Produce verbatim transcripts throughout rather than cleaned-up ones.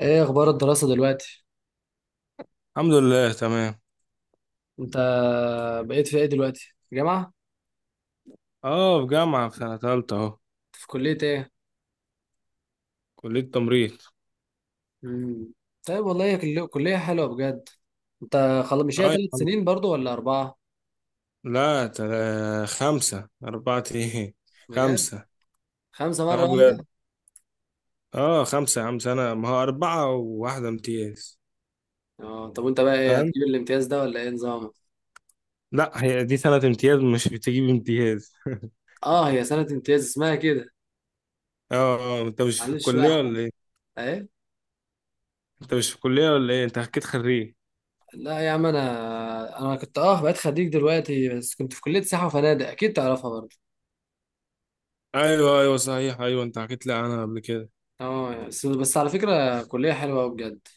ايه اخبار الدراسة دلوقتي؟ الحمد لله، تمام. انت بقيت في ايه دلوقتي، في جامعة؟ اه، في جامعة، في سنة تالتة اهو. في كلية ايه؟ كلية تمريض. مم. طيب والله، هي كل- كلية حلوة بجد. انت خلاص، مش هي اه يا ثلاث عم. سنين برضو ولا اربعة؟ لا، تلا خمسة، أربعة، ايه، بجد؟ خمسة. خمسة مرة اه بجد. واحدة؟ اه خمسة يا عم، سنة، ما هو أربعة وواحدة امتياز. اه طب وانت بقى ايه؟ فاهم. هتجيب الامتياز ده ولا ايه نظامك؟ لا، هي دي سنة امتياز، مش بتجيب امتياز. اه هي سنة امتياز اسمها كده. اه. اه، انت مش في معلش بقى الكلية احنا. ولا ايه؟ ايه؟ انت مش في الكلية ولا ايه، انت حكيت خريج. لا يا عم، انا انا كنت اه بقيت خريج دلوقتي، بس كنت في كلية سياحة وفنادق، اكيد تعرفها برضو. ايوه ايوه، صحيح، ايوه انت حكيت لي عنها قبل كده. اه بس بس على فكرة كلية حلوة أوي بجد.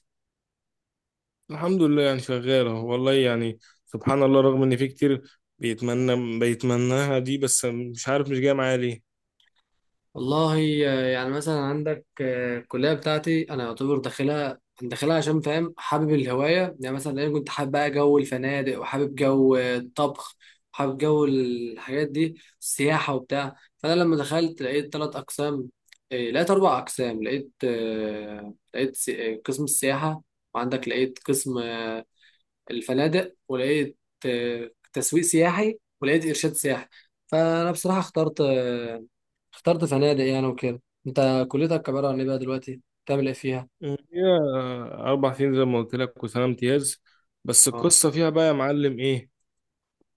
الحمد لله، يعني شغالة والله يعني. سبحان الله، رغم إن في كتير بيتمنى بيتمناها دي، بس مش عارف مش جاية معايا ليه. والله آه، يعني مثلا عندك، آه، الكلية بتاعتي أنا يعتبر داخلها. أنا داخلها عشان فاهم حابب الهواية. يعني مثلا أنا كنت حابب بقى جو الفنادق، وحابب جو آه، الطبخ، وحابب جو الحاجات دي، السياحة وبتاع. فأنا لما دخلت لقيت تلات أقسام، آه، لقيت أربع أقسام. لقيت آه، لقيت سي- آه، قسم السياحة، وعندك لقيت قسم آه، الفنادق، ولقيت آه، تسويق سياحي، ولقيت إرشاد سياحي. فأنا بصراحة اخترت، آه، اخترت فنادق يعني وكده. انت كليتك عبارة عن ايه بقى دلوقتي؟ بتعمل ايه فيها؟ هي أربع سنين زي ما قلت لك، وسنة امتياز. بس اه. القصة فيها بقى يا معلم إيه؟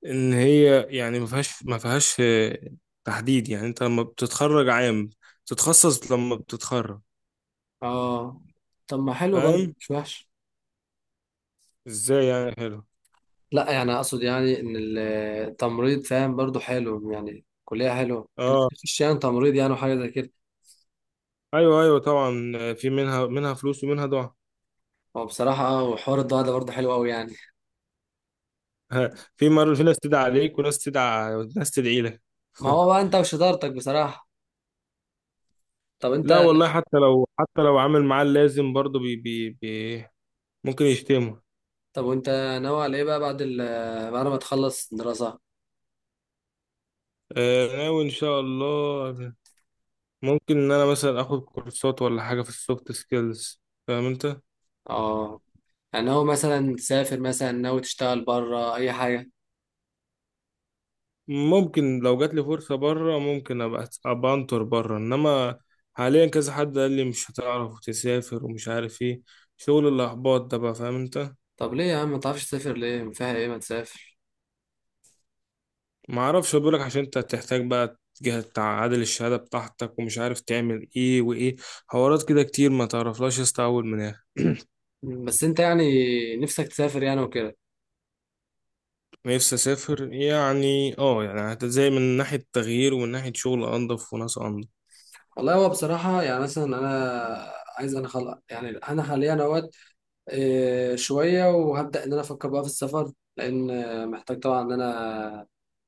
إن هي يعني ما فيهاش ما فيهاش آه، تحديد. يعني أنت لما بتتخرج عام تتخصص، لما بتتخرج. اه طب ما حلو برضه، فاهم. مش وحش. إزاي يعني حلو؟ لا يعني اقصد يعني ان التمريض، فاهم، برضه حلو. يعني كلية حلوة انك أه، تخش يعني تمريض، يعني وحاجة زي كده. أيوه أيوه طبعا. آه، في منها منها فلوس، ومنها دعاء. هو بصراحة اه وحوار الضوء ده برضه حلو قوي يعني. ها، في مرة في ناس تدعي عليك، وناس تدعي ناس تدعي لك. ما هو بقى انت وشطارتك بصراحة. طب انت. لا والله، حتى لو حتى لو عامل معاه اللازم برضه، بي بي بي ممكن يشتمه. طب وانت ناوي على ايه بقى بعد ال بعد ما تخلص دراسة؟ آه، ناوي ان شاء الله. ممكن ان انا مثلا اخد كورسات ولا حاجة في السوفت سكيلز. فاهم انت. اه يعني هو مثلا تسافر، مثلا ناوي تشتغل بره، اي حاجة. ممكن، لو جات لي فرصة بره، ممكن ابقى ابقى انطر بره، انما حاليا كذا حد قال لي مش هتعرف تسافر، ومش عارف ايه. شغل الاحباط ده بقى، فاهم انت. طب ليه يا عم ما تعرفش تسافر؟ ليه فيها ايه؟ ما تسافر. ما اعرفش، بقولك عشان انت هتحتاج بقى جهة تعادل الشهادة بتاعتك، ومش عارف تعمل ايه وايه. حوارات كده كتير، ما تعرفلاش يا اسطى اول من اخر. بس انت يعني نفسك تسافر يعني وكده. نفسي اسافر يعني، اه يعني، هت- زي من ناحية تغيير، ومن ناحية شغل انضف وناس انضف. والله هو بصراحة يعني مثلا أنا عايز أنا خلق. يعني أنا حاليا أهوت آه، شوية، وهبدأ إن أنا أفكر بقى في السفر، لأن آه، محتاج طبعا إن أنا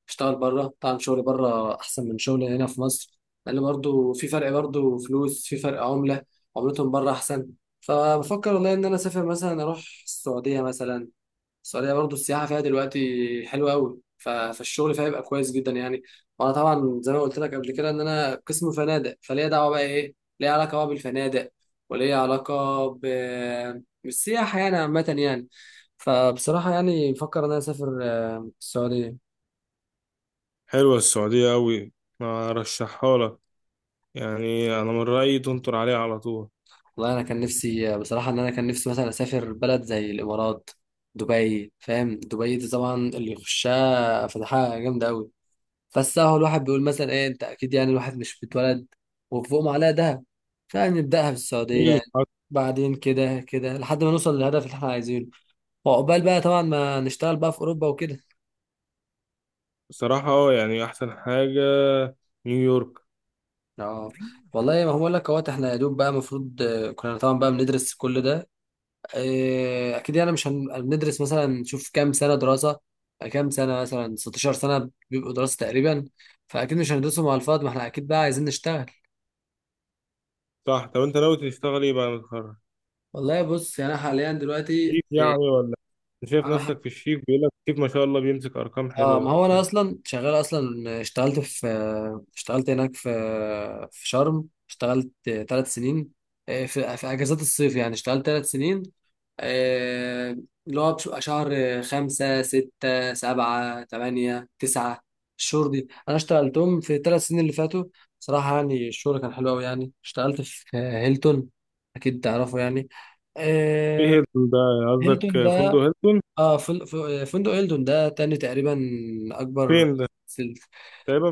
أشتغل بره. طبعا شغلي بره أحسن من شغلي هنا في مصر، لأن برضو في فرق، برضو فلوس في فرق عملة. عملتهم بره أحسن. فبفكر والله إن أنا أسافر مثلا، أروح السعودية مثلا. السعودية برضو السياحة فيها دلوقتي حلوة أوي، ف- فالشغل فيها يبقى كويس جدا يعني. وأنا طبعا زي ما قلت لك قبل كده إن أنا قسم فنادق، فليا دعوة بقى، إيه، ليا علاقة بقى بالفنادق، وليا علاقة ب... بالسياحة يعني عامة يعني. فبصراحة يعني بفكر إن أنا أسافر آه، السعودية. حلوة السعودية اوي، ارشحها لك. يعني انا من رأيي تنطر عليها على طول. والله أنا كان نفسي آه، بصراحة إن أنا كان نفسي مثلا أسافر بلد زي الإمارات، دبي، فاهم؟ دبي دي طبعا اللي يخشها فتحها جامدة أوي. بس هو الواحد بيقول مثلا ايه، انت اكيد يعني الواحد مش بيتولد وفوقهم عليها دهب. فنبداها في السعوديه مم. يعني، بعدين كده كده لحد ما نوصل للهدف اللي احنا عايزينه، وعقبال بقى طبعا ما نشتغل بقى في اوروبا وكده. بصراحة اه، يعني احسن حاجة نيويورك. اه والله، ما هو بقول لك، اهوت احنا يا دوب بقى المفروض كنا طبعا بقى بندرس كل ده. آه، اكيد يعني مش هن- هندرس، مثلا نشوف كام سنه دراسه، كام سنه، مثلا ستاشر سنه بيبقوا دراسه تقريبا. فاكيد مش هندرسهم على الفاضي، ما احنا اكيد بقى عايزين نشتغل. صح. طب انت ناوي تشتغل ايه بعد ما تتخرج؟ والله بص يعني انا حاليا دلوقتي، شيك يعني ولا إيه؟ انت شايف انا ح- نفسك في الشيك؟ بيقول لك الشيك ما شاء الله بيمسك ارقام اه حلوه ما هو انا وبتاع. اصلا شغال اصلا. اشتغلت في اشتغلت هناك في في شرم، اشتغلت ثلاث سنين، آه، في في اجازات الصيف يعني. اشتغلت ثلاث سنين آه، اللي هو بش- شهر خمسة، ستة، سبعة، تمانية، تسعة. الشهور دي انا اشتغلتهم في الثلاث سنين اللي فاتوا. صراحة يعني الشغل كان حلو قوي يعني. اشتغلت في هيلتون، اكيد تعرفه يعني، ايه آه، هيلتون ده؟ قصدك هيلتون. فندق هيلتون؟ اه فن- ف- فندق هيلتون ده تاني تقريبا اكبر. فين ده في ال- تقريبا؟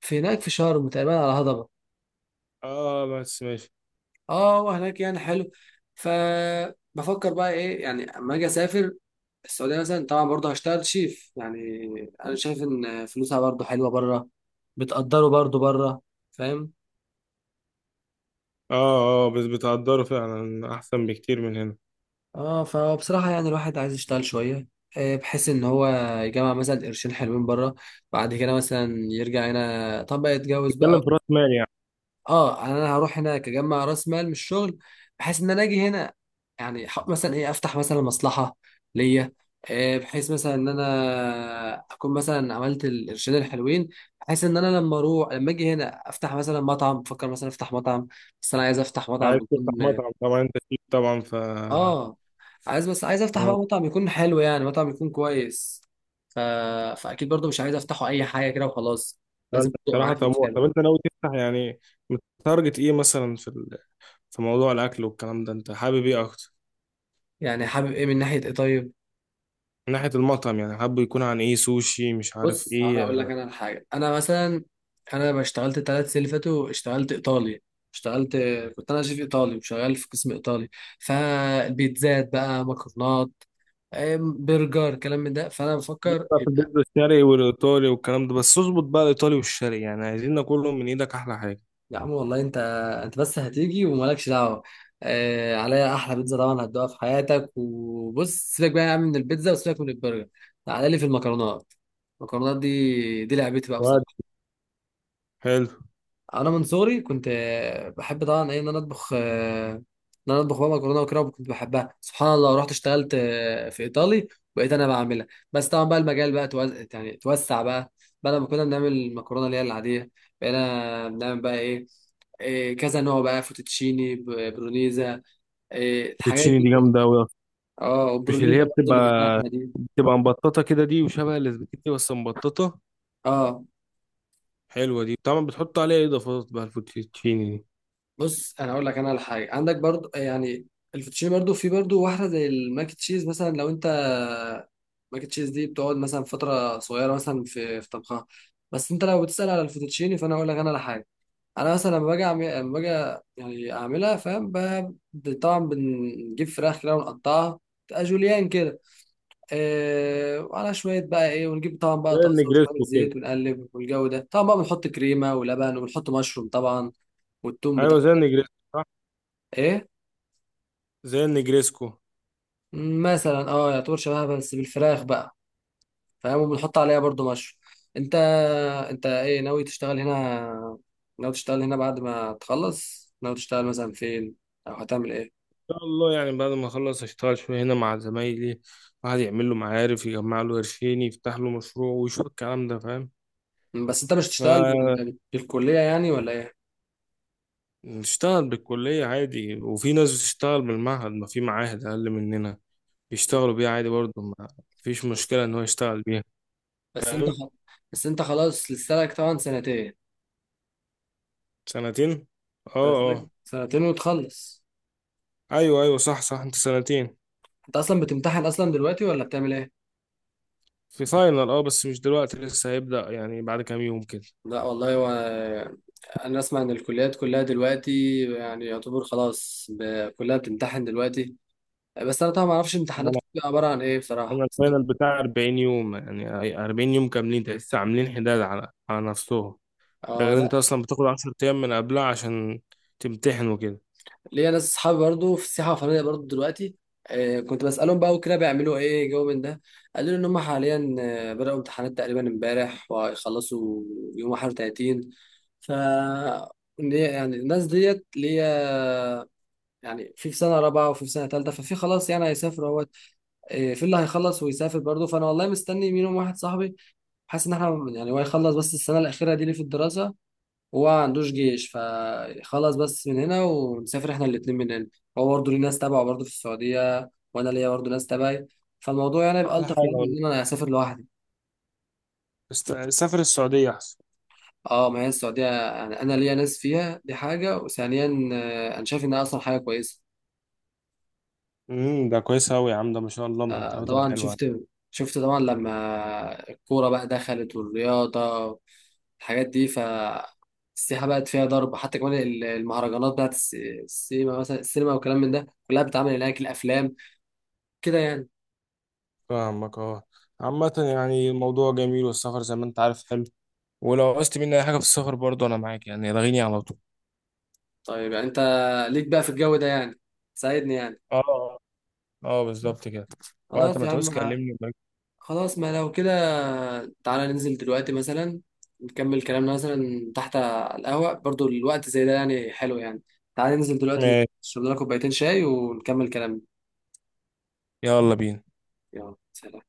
في هناك في شرم، تقريبا على هضبة. اه بس ماشي. اه وهناك يعني حلو. فبفكر بقى ايه يعني اما اجي اسافر السعودية مثلا، طبعا برضه هشتغل شيف يعني. انا شايف ان فلوسها برضه حلوة بره، بتقدره برضه بره، فاهم؟ اه. اه بس بتقدره فعلا احسن بكتير من هنا. اه فبصراحة يعني الواحد عايز يشتغل شوية، آه، بحيث ان هو يجمع مثلا قرشين حلوين بره، بعد كده مثلا يرجع هنا، طب بقى يتجوز بقى. بتتكلم في راس مال يعني. اه يعني انا هروح هناك اجمع راس مال من الشغل، بحيث ان انا اجي هنا، يعني ح- مثلا ايه، افتح مثلا مصلحه ليا. آه، بحيث مثلا ان انا اكون مثلا عملت القرشين الحلوين، بحيث ان انا لما اروح لما اجي هنا افتح مثلا مطعم، بفكر مثلا افتح مطعم. بس انا عايز افتح عايز مطعم تفتح يكون، مطعم طبعا، انت شيك طبعا، ف آه، اه عايز، بس عايز افتح بقى مطعم يكون حلو، يعني مطعم يكون كويس. ف... فاكيد برضو مش عايز افتحه اي حاجه كده وخلاص، انت لازم تبقى بصراحه معايا فلوس طموح. حلو. طب انت ناوي تفتح يعني متارجت ايه مثلا في ال... في موضوع الاكل والكلام ده، انت حابب ايه اكتر؟ يعني حابب ايه من ناحيه ايه، طيب؟ من ناحيه المطعم يعني، حابب يكون عن ايه، سوشي، مش عارف بص انا اقول ايه؟ لك انا على حاجه. انا مثلا، انا بقى اشتغلت الثلاث سنين اللي فاتوا اشتغلت ايطالي. اشتغلت، كنت انا شيف ايطالي، وشغال في قسم ايطالي. فالبيتزات بقى، مكرونات، أم، برجر، كلام من ده. فانا ليك بفكر بقى في يبقى. البيتزا، الشرقي والايطالي والكلام ده، بس اظبط بقى الايطالي والشرقي، يعني عايزين ناكلهم من ايدك، احلى حاجه. يا عم والله انت، انت بس هتيجي ومالكش دعوه. اه عليا احلى بيتزا طبعا هتدوقها في حياتك. وبص سيبك بقى يا عم من البيتزا، وسيبك من البرجر. تعالى لي في المكرونات. المكرونات دي دي لعبتي بقى واد بصراحه. حلو. انا من صغري كنت آه، بحب طبعا ايه ان انا اطبخ. آه، ان انا اطبخ بقى مكرونه وكده، وكنت بحبها. سبحان الله، رحت اشتغلت آه، في ايطالي، بقيت انا بعملها. بس طبعا بقى المجال بقى توز... يعني توسع بقى. بدل ما كنا بنعمل المكرونه اللي هي العاديه، بقينا بنعمل بقى ايه، إيه، كذا نوع بقى، فوتوتشيني، ب- برونيزا، إيه الحاجات الفيتشيني دي دي كلها. جامده قوي اصلا. اه مش اللي والبرونيزا هي برضه اللي بتبقى باللحمه دي. بتبقى مبططه كده دي، وشبه الاسباجيتي بس مبططه. اه حلوه دي، طبعا بتحط عليها إيه اضافات بقى الفوتشيني دي؟ بص انا اقول لك انا على حاجه. عندك برضو يعني الفوتوتشيني، برضو في برضو واحده زي الماك تشيز مثلا. لو انت، ماك تشيز دي بتقعد مثلا فتره صغيره مثلا في في طبخها. بس انت لو بتسال على الفوتوتشيني فانا اقول لك انا على حاجه. انا مثلا لما باجي اعمل، لما باجي يعني اعملها، فاهم، ب- طبعا بنجيب فراخ كده ونقطعها، تبقى جوليان كده. آه وعلى شويه بقى ايه، ونجيب طبعا بقى زي طاسه وشويه النجريسكو كده. زيت، ونقلب. والجو ده طبعا بقى بنحط كريمه ولبن، وبنحط مشروم طبعا، والثوم بتاع. ايوه زي النجريسكو، صح. ايه زي النجريسكو. مثلا، اه يعتبر شبهها بس بالفراخ بقى، فاهم. وبنحط عليها برضو مشروم. انت، انت ايه ناوي تشتغل هنا ناوي تشتغل هنا بعد ما تخلص، ناوي تشتغل مثلا فين، او هتعمل ايه؟ ان شاء الله، يعني بعد ما اخلص اشتغل شويه هنا مع زمايلي. واحد يعمل له معارف، يجمع له قرشين، يفتح له مشروع، ويشوف الكلام ده، فاهم. مم، بس انت مش هتشتغل بال- بالكلية يعني ولا ايه؟ نشتغل بالكلية عادي، وفي ناس بتشتغل بالمعهد، ما في معاهد أقل مننا يشتغلوا بيها عادي برضه. ما فيش بس مشكلة إن هو يشتغل بيها. بس انت فاهم. خ... بس انت خلاص لسه لك طبعا سنتين. سنتين. اه. لسه لك اه سنتين وتخلص. أيوه أيوه، صح صح، أنت سنتين. انت اصلا بتمتحن اصلا دلوقتي ولا بتعمل ايه؟ في فاينل اه، بس مش دلوقتي، لسه هيبدأ يعني بعد كام يوم كده. لا والله هو، انا اسمع ان الكليات كلها دلوقتي يعني يعتبر خلاص، ب- كلها بتمتحن دلوقتي. بس انا طبعا ما اعرفش امتحانات أنا بتبقى عباره عن ايه بصراحه أنا بس- الفاينل بتاع 40 يوم، يعني 40 يوم كاملين، ده لسه عاملين حداد على على نفسهم. ده اه غير أنت لا. أصلا بتاخد 10 أيام من قبلها عشان تمتحن وكده. ليا ناس اصحابي برضو في السياحه الفنيه برضو دلوقتي، آه كنت بسالهم بقى وكده، بيعملوا ايه جو من ده؟ قالوا لي ان هم حاليا آه، بداوا امتحانات تقريبا امبارح، وهيخلصوا يوم واحد وتلاتين. ف إن هي- يعني الناس ديت ليا، يعني في، في سنه رابعه وفي سنه ثالثه، ففي خلاص يعني هيسافروا. إيه، في اللي هيخلص ويسافر برضه. فانا والله مستني منهم واحد صاحبي، حاسس ان احنا يعني هو يخلص بس السنه الاخيره دي ليه في الدراسه، وهو ما عندوش جيش، فخلص بس من هنا ونسافر احنا الاتنين من هنا. هو برضه ليه ناس تبعه برضه في السعوديه، وانا ليا برضه ناس تبعي. فالموضوع يعني يبقى أحلى الطف، حاجة يعني والله. من ان انا اسافر لوحدي. است- سافر السعودية أحسن. اه ما هي السعوديه، يعني انا ليا ناس فيها دي حاجه، وثانيا آه، انا شايف انها اصلا حاجه كويسه. امم ده كويس أوي يا عم، ده ما شاء الله آه، مرتباتهم طبعا حلوة. شفت، شفت طبعا لما الكوره بقى دخلت، والرياضه الحاجات دي، فالسياحة بقت فيها ضرب. حتى كمان ال- المهرجانات بتاعت الس- السينما مثلا، السينما والكلام من ده كلها بتتعمل هناك، الأفلام كده يعني. فاهمك، اه. عامة يعني الموضوع جميل، والسفر زي ما أنت عارف حلو. ولو عوزت مني أي حاجة في السفر برضه أنا معاك، يعني لغيني على طول. طيب يعني أنت ليك بقى في الجو ده يعني، ساعدني يعني. اه. اه بالظبط كده. وقت خلاص ما يا تعوز عم. كلمني. خلاص، ما لو كده تعالى ننزل دلوقتي مثلا، نكمل كلامنا مثلا تحت على القهوة، برضو الوقت زي ده يعني حلو يعني. تعالى ننزل دلوقتي ماشي، نشرب لنا كوبايتين شاي ونكمل كلامنا. يلا بينا. يلا، سلام.